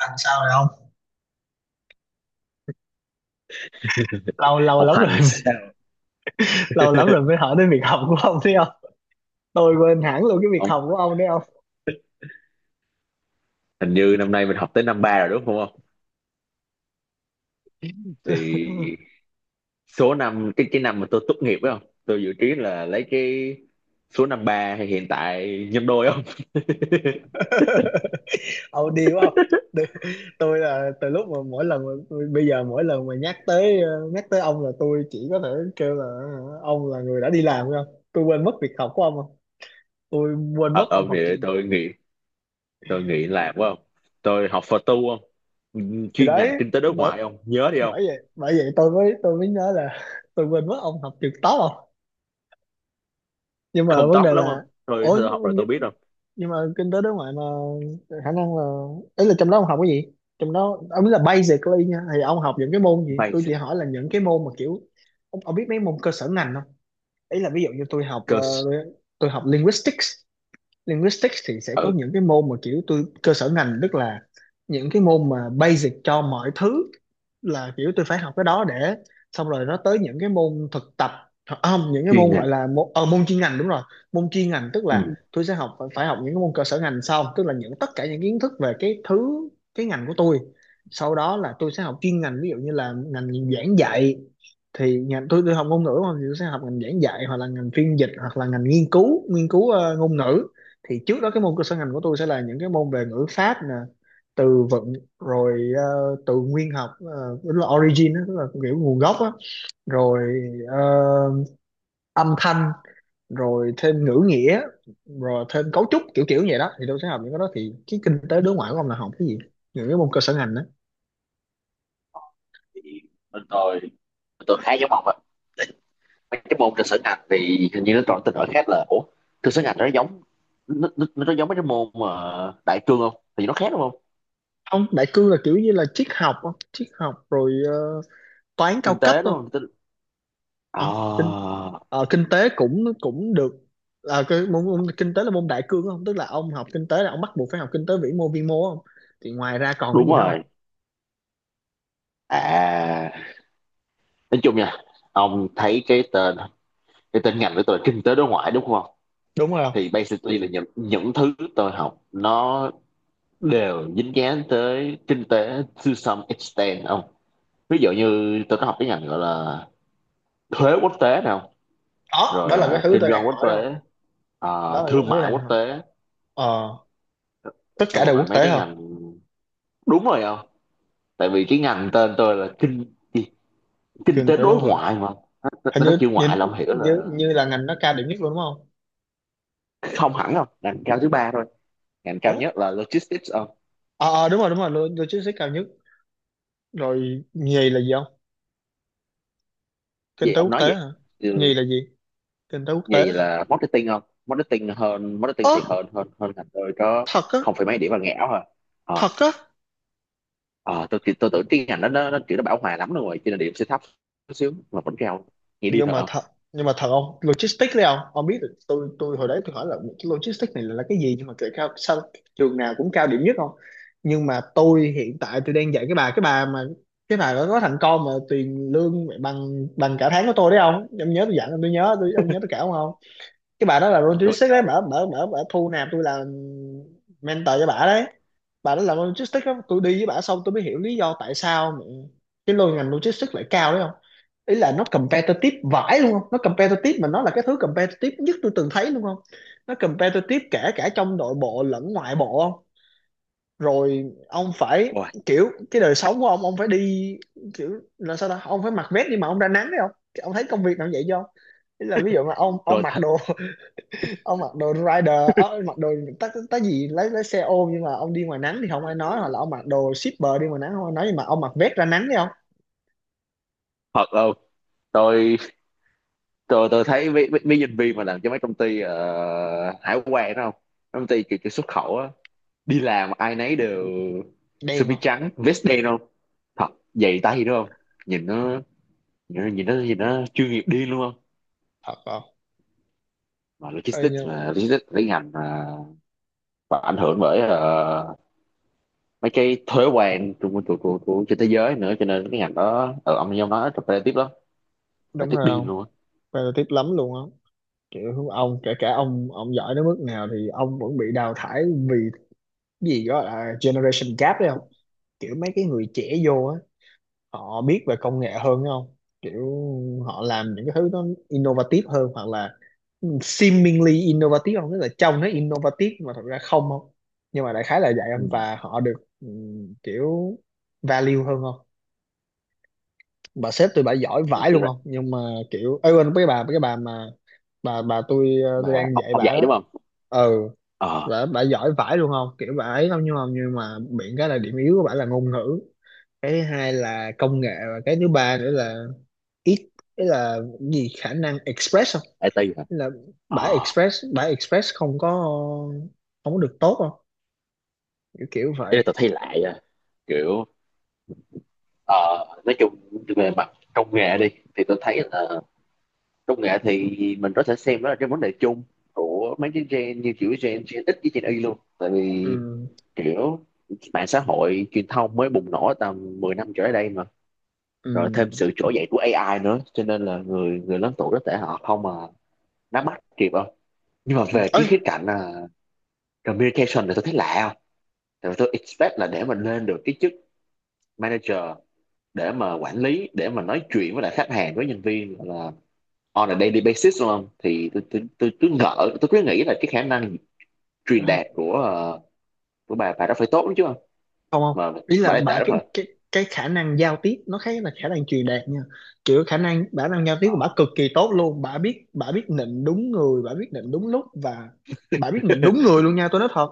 Làm sao rồi ông? Lâu lâu Học lắm hành rồi. sao Lâu lắm rồi mới hỏi đến việc học của ông, thấy không? Tôi quên hẳn luôn cái việc học của không? ông đấy, không? Hình như năm nay mình học tới năm ba rồi đúng không? Thì số năm cái năm mà tôi tốt nghiệp phải không, tôi dự kiến là lấy cái số năm ba hay hiện tại nhân đôi không? Ông đi quá không? Tôi- là từ lúc mà mỗi lần, bây giờ mỗi lần mà nhắc tới nhắc tới ông là tôi chỉ có thể kêu là ông là người đã đi làm, không? Tôi quên mất việc học của ông, không? Tôi quên mất Thật ông không, thì học trường. tôi nghĩ, tôi nghĩ là phải không, tôi học phật tu không. Ừ, Thì chuyên đấy, ngành kinh tế đối bởi ngoại không nhớ đi không? bởi vậy tôi mới nhớ là, tôi quên mất ông học trường top, không? Nhưng mà Không vấn tốt đề lắm không, là, tôi, ôi tôi học rồi tôi biết nhưng không, nhưng mà kinh tế đối ngoại mà, khả năng là, ấy là trong đó ông học cái gì? Trong đó ông biết là basically nha, thì ông học những cái môn gì? may Tôi chỉ hỏi là những cái môn mà kiểu ông biết mấy môn cơ sở ngành không? Ấy là ví dụ như tôi học, cơ, tôi học linguistics. Linguistics thì sẽ có ừ, những cái môn mà kiểu tôi cơ sở ngành, tức là những cái môn mà basic cho mọi thứ, là kiểu tôi phải học cái đó để, xong rồi nó tới những cái môn thực tập. À không, những cái chuyên môn ngành, gọi là môn, môn chuyên ngành, đúng rồi. Môn chuyên ngành tức là ừ. tôi sẽ học, phải phải học những cái môn cơ sở ngành sau, tức là những tất cả những kiến thức về cái thứ, cái ngành của tôi. Sau đó là tôi sẽ học chuyên ngành, ví dụ như là ngành giảng dạy. Thì ngành tôi học ngôn ngữ mà, thì tôi sẽ học ngành giảng dạy hoặc là ngành phiên dịch hoặc là ngành nghiên cứu, nghiên cứu ngôn ngữ. Thì trước đó cái môn cơ sở ngành của tôi sẽ là những cái môn về ngữ pháp nè, từ vựng, rồi từ nguyên học, tức là origin đó, tức là kiểu nguồn gốc á. Rồi ờ, âm thanh, rồi thêm ngữ nghĩa, rồi thêm cấu trúc, kiểu kiểu vậy đó. Thì tôi sẽ học những cái đó, thì cái kinh tế đối ngoại của ông là học cái gì, những cái môn cơ sở ngành đó? Thì bên tôi khá giống ông, mấy cái môn trên sân ngành thì hình như nó còn tên gọi khác là, ủa, trên sân Anh nó giống, nó giống mấy cái môn mà đại cương không, thì nó khác đúng không? Ông, đại cương là kiểu như là triết học á, triết học rồi toán cao Kinh cấp tế đúng thôi. không? Kinh- ờ, Ông kinh kinh tế cũng cũng được, là cái môn kinh tế là môn đại cương không? Tức là ông học kinh tế là ông bắt buộc phải học kinh tế vĩ mô vi mô, không? Thì ngoài ra còn cái đúng gì nữa rồi, không? à, nói chung nha, ông thấy cái tên, cái tên ngành của tôi là kinh tế đối ngoại đúng không? Đúng rồi Thì basically là những thứ tôi học nó đều dính dáng tới kinh tế to some extent ông. Ví dụ như tôi có học cái ngành gọi là thuế quốc tế nào, đó, rồi đó là cái ờ, thứ kinh tôi doanh đang quốc hỏi đó, không? tế, Đó ờ, là cái thương thứ mại đang quốc hỏi. tế, Ờ, tất xong cả đều quốc rồi mấy tế, cái không? ngành, đúng rồi không? Tại vì cái ngành tên tôi là kinh gì? Kinh Kinh tế tế đối đối ngoại, ngoại mà, nó, hình nó như chữ như ngoại là ông hiểu là, như là ngành nó cao điểm nhất luôn đúng không? không hẳn không, ngành cao thứ ba thôi, ngành cao Ủa, nhất là logistics không? Ờ, đúng rồi, đúng rồi, logistics cao nhất. Rồi nhì là gì không? Kinh Gì? tế Ông quốc nói gì? tế hả? Ừ, Nhì là gì? Kinh tế quốc tế gì là hả? marketing không, marketing hơn, marketing Ơ, thì hơn hơn hơn ngành tôi có. thật á? Không phải mấy điểm là ngẽo thôi. Ờ, Thật á? ờ, tôi tưởng cái ngành đó nó kiểu nó bão hòa lắm luôn rồi cho nên điểm sẽ thấp chút xíu mà vẫn cao. Nghe đi, Nhưng thật mà không? thật, nhưng mà thật không? Logistics đấy không, ông biết được, tôi hồi đấy tôi hỏi là cái logistics này là cái gì nhưng mà kệ, cao sao trường nào cũng cao điểm nhất không? Nhưng mà tôi hiện tại tôi đang dạy cái bà, mà cái bà đó có thằng con mà tiền lương mẹ bằng bằng cả tháng của tôi đấy không, ông nhớ tôi dặn ông, tôi nhớ tôi ông nhớ tôi cả không không? Cái bà đó là Tôi logistics đấy, nhớ mở rồi. mở mở mở thu nạp tôi là mentor cho bà đấy. Bà đó làm logistics đó. Tôi đi với bà xong tôi mới hiểu lý do tại sao mà cái lô ngành logistics lại cao đấy. Ý là nó competitive vãi luôn không, nó competitive mà nó là cái thứ competitive nhất tôi từng thấy luôn không. Nó competitive kể cả trong nội bộ lẫn ngoại bộ không. Rồi ông phải, Ôi, kiểu cái đời sống của ông phải đi, kiểu là sao ta, ông phải mặc vest đi mà ông ra nắng đấy không? Ông thấy công việc nào vậy không? Ý là ví dụ mà ông tôi mặc thật, đồ, ông mặc đồ rider, mặc đồ tá tá gì, lấy xe ôm nhưng mà ông đi ngoài nắng thì không ai nói, hoặc là ông mặc đồ shipper đi ngoài nắng không ai nói, nhưng mà ông mặc vest ra nắng đấy không? thật luôn, tôi tôi thấy mấy nhân viên mà làm cho mấy công ty ờ, hải quan đó không. Mấy công ty kiểu, kiểu xuất khẩu á, đi làm ai nấy đều sơ Đen mi không? trắng vest đen không, thật, giày tay đúng không, nhìn nó, nhìn nó, nhìn nó chuyên nghiệp điên luôn không. Thật không? Mà Ê, logistics, mà nhưng- logistics lấy ngành mà, và ảnh hưởng bởi ờ, mấy cái thuế quan của trên thế giới nữa cho nên cái ngành đó ở ông nói competitive lắm, là đúng tức rồi điên không, luôn á. competitive lắm luôn á. Kiểu ông, kể cả ông giỏi đến mức nào thì ông vẫn bị đào thải, vì cái gì đó là generation gap đấy không. Kiểu mấy cái người trẻ vô á, họ biết về công nghệ hơn đúng không, kiểu họ làm những cái thứ nó innovative hơn, hoặc là seemingly innovative không, tức là trông nó innovative nhưng mà thật ra không không. Nhưng mà đại khái là vậy không, Ừ. và họ được kiểu value hơn không. Bà sếp tôi bà giỏi Thì vãi cái- luôn không, nhưng mà kiểu ấy, quên cái bà, mà bà tôi, tôi và đang dạy ông bà dạy đó. đúng không? Ừ Ờ, Bà giỏi vãi luôn không, kiểu bà ấy không, nhưng mà, miệng cái là điểm yếu của bà là ngôn ngữ, cái thứ hai là công nghệ, và cái thứ ba nữa là ít, cái là gì, khả năng express không. IT hả? Ý là Ờ. bà express, không có, không có được tốt không, kiểu kiểu vậy. Ê, tao thấy lại à. Kiểu ờ, nói chung về mặt công nghệ đi, thì tôi thấy là công nghệ thì mình có thể xem đó là cái vấn đề chung của mấy cái gen, như kiểu gen Gen X với Gen Y luôn, tại vì Ừ kiểu mạng xã hội truyền thông mới bùng nổ tầm 10 năm trở lại đây mà, rồi thêm ừ sự trỗi dậy của AI nữa, cho nên là người, người lớn tuổi có thể họ không mà nắm bắt kịp không. Nhưng mà ừ về cái ấy khía cạnh là communication thì tôi thấy lạ không, tại vì tôi expect là để mình lên được cái chức manager, để mà quản lý, để mà nói chuyện với lại khách hàng với nhân viên là on a daily basis đúng không, thì tôi ngỡ, tôi cứ nghĩ là cái khả năng truyền đạt của ờ, của bà đó phải tốt lắm chứ không, không không mà Ý là bà lại tệ bà, lắm rồi. Cái khả năng giao tiếp nó khác là khả năng truyền đạt nha. Kiểu khả năng, giao tiếp của bà cực kỳ tốt luôn, bà biết, nịnh đúng người, bà biết nịnh đúng lúc, và bà biết nịnh đúng người luôn nha, tôi nói thật.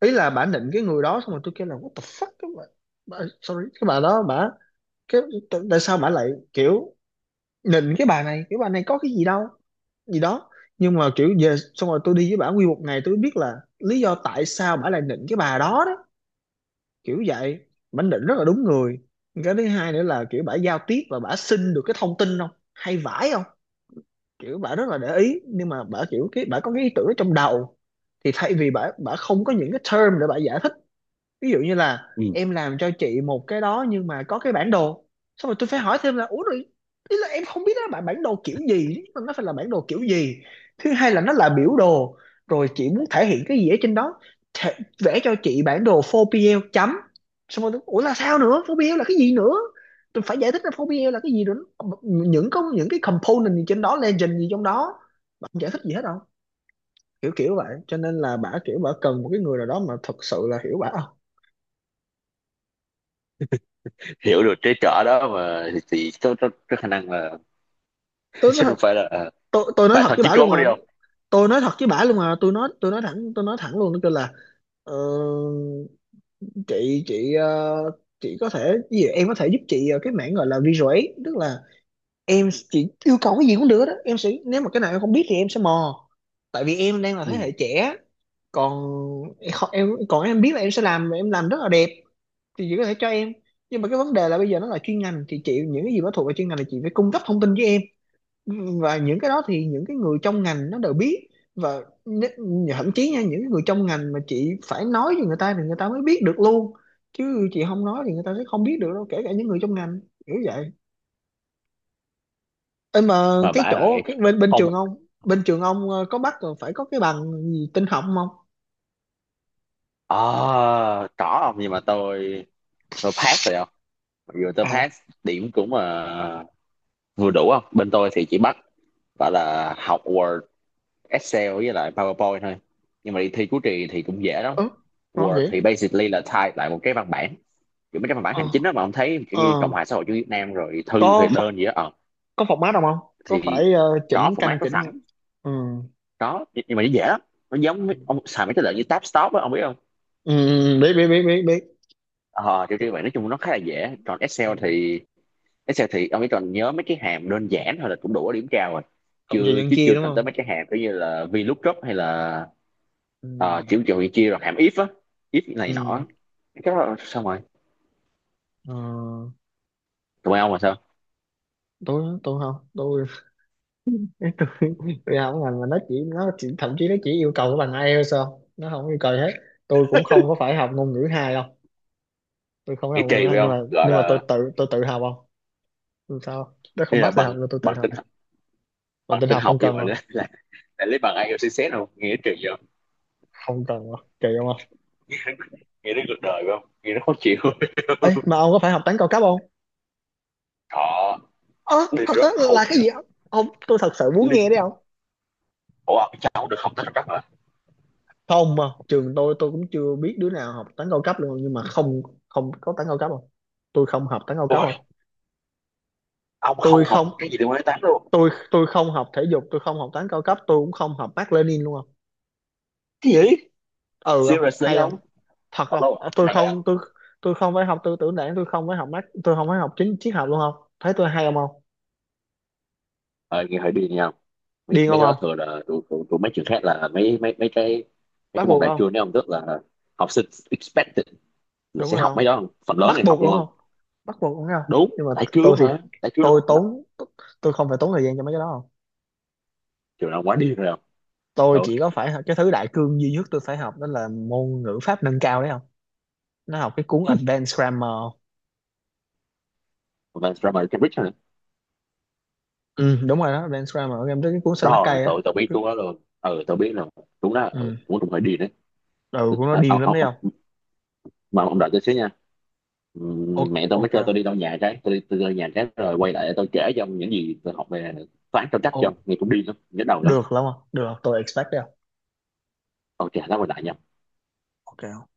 Ý là bà nịnh cái người đó xong rồi tôi kêu là what the fuck các bạn, sorry, cái bà đó, cái tại tại sao bà lại kiểu nịnh cái bà này, cái bà này có cái gì đâu, gì đó. Nhưng mà kiểu về xong rồi tôi đi với bà nguyên một ngày tôi biết là lý do tại sao bà lại nịnh cái bà đó đó, kiểu vậy. Bả định rất là đúng người. Cái thứ hai nữa là kiểu bả giao tiếp và bả xin được cái thông tin không, hay vãi không, kiểu bả rất là để ý. Nhưng mà bả kiểu, cái bả có cái ý tưởng ở trong đầu, thì thay vì bả, không có những cái term để bả giải thích. Ví dụ như là Ừ. em làm cho chị một cái đó nhưng mà có cái bản đồ, xong rồi tôi phải hỏi thêm là ủa rồi, ý là em không biết đó là bản bản đồ kiểu gì, nhưng mà nó phải là bản đồ kiểu gì, thứ hai là nó là biểu đồ, rồi chị muốn thể hiện cái gì ở trên đó. thể, Vẽ cho chị bản đồ 4PL chấm, xong rồi ủa là sao nữa, 4PL là cái gì nữa? Tôi phải giải thích là 4PL là cái gì nữa, có những cái component gì trên đó, legend gì trong đó. Bà không giải thích gì hết đâu, kiểu kiểu vậy. Cho nên là bả kiểu bả cần một cái người nào đó mà thật sự là hiểu bả. Không, Hiểu được cái trở đó mà thì có khả năng là tôi, chứ không phải là tôi nói bà thật thôi với chí bả luôn mà, trốn đi không. tôi nói thật với bả luôn mà tôi nói, thẳng, tôi nói thẳng luôn, nó kêu là ờ, chị, chị có thể, cái gì em có thể giúp chị, cái mảng gọi là visual aid, tức là em, chị yêu cầu cái gì cũng được đó, em sẽ, nếu mà cái nào em không biết thì em sẽ mò, tại vì em đang là thế hệ Ừ. trẻ. Còn em còn em biết là em sẽ làm, em làm rất là đẹp, thì chị có thể cho em. Nhưng mà cái vấn đề là bây giờ nó là chuyên ngành, thì chị những cái gì mà thuộc về chuyên ngành là chị phải cung cấp thông tin với em, và những cái đó thì những cái người trong ngành nó đều biết. Và thậm chí nha, những cái người trong ngành mà chị phải nói với người ta thì người ta mới biết được luôn, chứ chị không nói thì người ta sẽ không biết được đâu, kể cả những người trong ngành, kiểu vậy. Ê mà Mà cái bà chỗ, lại cái bên, không, trường ông, bên trường ông có bắt rồi phải có cái bằng gì tin học không? à, có không, nhưng mà tôi pass rồi không, mặc dù tôi À pass điểm cũng vừa đủ không. Bên tôi thì chỉ bắt gọi là học Word, Excel với lại PowerPoint thôi, nhưng mà đi thi cuối kỳ thì cũng dễ lắm. ừ, ngon Word vậy. thì basically là type lại một cái văn bản, kiểu mấy cái văn bản ờ hành chính đó mà ông thấy kiểu ờ như Cộng hòa xã hội chủ nghĩa Việt Nam rồi thư có rồi đơn gì đó ờ, có phọc mát không không, có thì phải có chỉnh format canh có chỉnh không? sẵn, ừ có nhưng mà nó dễ lắm, nó giống ừ với- ông xài mấy cái lợi như tab stop á ông biết không. ừ, biết biết biết biết biết. Ờ, kiểu như vậy, nói chung nó khá là dễ. Còn Ừ. Excel thì, Excel thì ông chỉ cần nhớ mấy cái hàm đơn giản thôi là cũng đủ điểm cao rồi, Cộng trừ chưa, nhân chứ chia chưa đúng cần tới không? mấy cái hàm kiểu như là VLOOKUP hay là ờ, kiểu ừ kiểu chia rồi hàm if á, if này ừ nọ, cái đó xong rồi. ờ, Tụi bay ông là sao? tôi không, tôi tôi, không, ngành mà nó chỉ, thậm chí nó chỉ yêu cầu cái bằng IELTS sao, nó không yêu cầu gì hết. Tôi cũng không có phải học ngôn ngữ hai đâu, tôi không có Nghĩ học kỳ ngôn trì ngữ hai, phải nhưng không mà, gọi tôi là, tự, học không? Tôi sao không? Nó không đây là bắt tôi học bằng, nhưng tôi tự bằng học. tin, Mà bằng tin tin học học không nhưng cần mà rồi, là lấy bằng IELTS, đâu nghe kỳ vậy. Kỳ không không. Nghe nó cuộc đời phải không, nghe nó khó chịu. Ấy mà ông có phải học toán cao cấp không? Họ, Ơ Linh thật á, rất là khùng cái rồi. gì ông, tôi thật sự muốn nghe Linh, đấy ông. ủa ông cháu không được không tới rất là. Không, mà trường tôi, cũng chưa biết đứa nào học toán cao cấp luôn, nhưng mà không, không có toán cao cấp không. Tôi không học toán cao cấp Ôi, không. ông không Tôi học không, một cái gì từ quan tám luôn. Tôi không học thể dục, tôi không học toán cao cấp, tôi cũng không học Mác Lênin luôn không. Cái gì? Ừ không Seriously hay không? ông. Thật không? Hello, Ờ, tôi hay vậy ông. không, tôi không phải học tư tưởng đảng, tôi không phải học Mác, tôi không phải học chính triết học luôn, không thấy tôi hay không không? Ờ, nghe hỏi đi nha, mấy, Điên mấy không cái đó không, thường là tụi mấy trường khác là mấy mấy mấy cái, mấy bắt cái môn buộc đại không, cương đấy ông, tức là học sinh expected là đúng sẽ rồi học không, mấy đó không, phần lớn bắt này học buộc luôn luôn không. không, bắt buộc đúng không? Đúng, Nhưng mà đại cương tôi thì, mà, đại cương là tốn, tôi không phải tốn thời gian cho mấy cái đó không. trường nào quá điên rồi không. Tôi chỉ có phải cái thứ đại cương duy nhất tôi phải học đó là môn ngữ pháp nâng cao đấy không, nó học cái cuốn Advanced Grammar. Tụi mà drama Cambridge nữa, Ừ đúng rồi đó, Advanced Grammar em tới cái cuốn xanh lá rồi cây á. tụi, tụi biết Cứ- tôi đó luôn. Ừ, tụi biết là đúng đó, ừ, ừ cũng cũng phải đi đấy. ừ, của nó Ờ, điên ông, lắm ông, đấy ông, không. mà ông đợi tôi xíu nha. Ok Mẹ tôi mới ok kêu tôi không? đi đâu nhà cái, tôi đi, nhà cái rồi quay lại tôi kể cho ông những gì tôi học về toán, tao chắc Ồ, cho ông nghe cũng đi lắm, nhớ đầu lắm. được lắm không được, tôi expect đấy không. Ok, lát quay lại nha. Ok.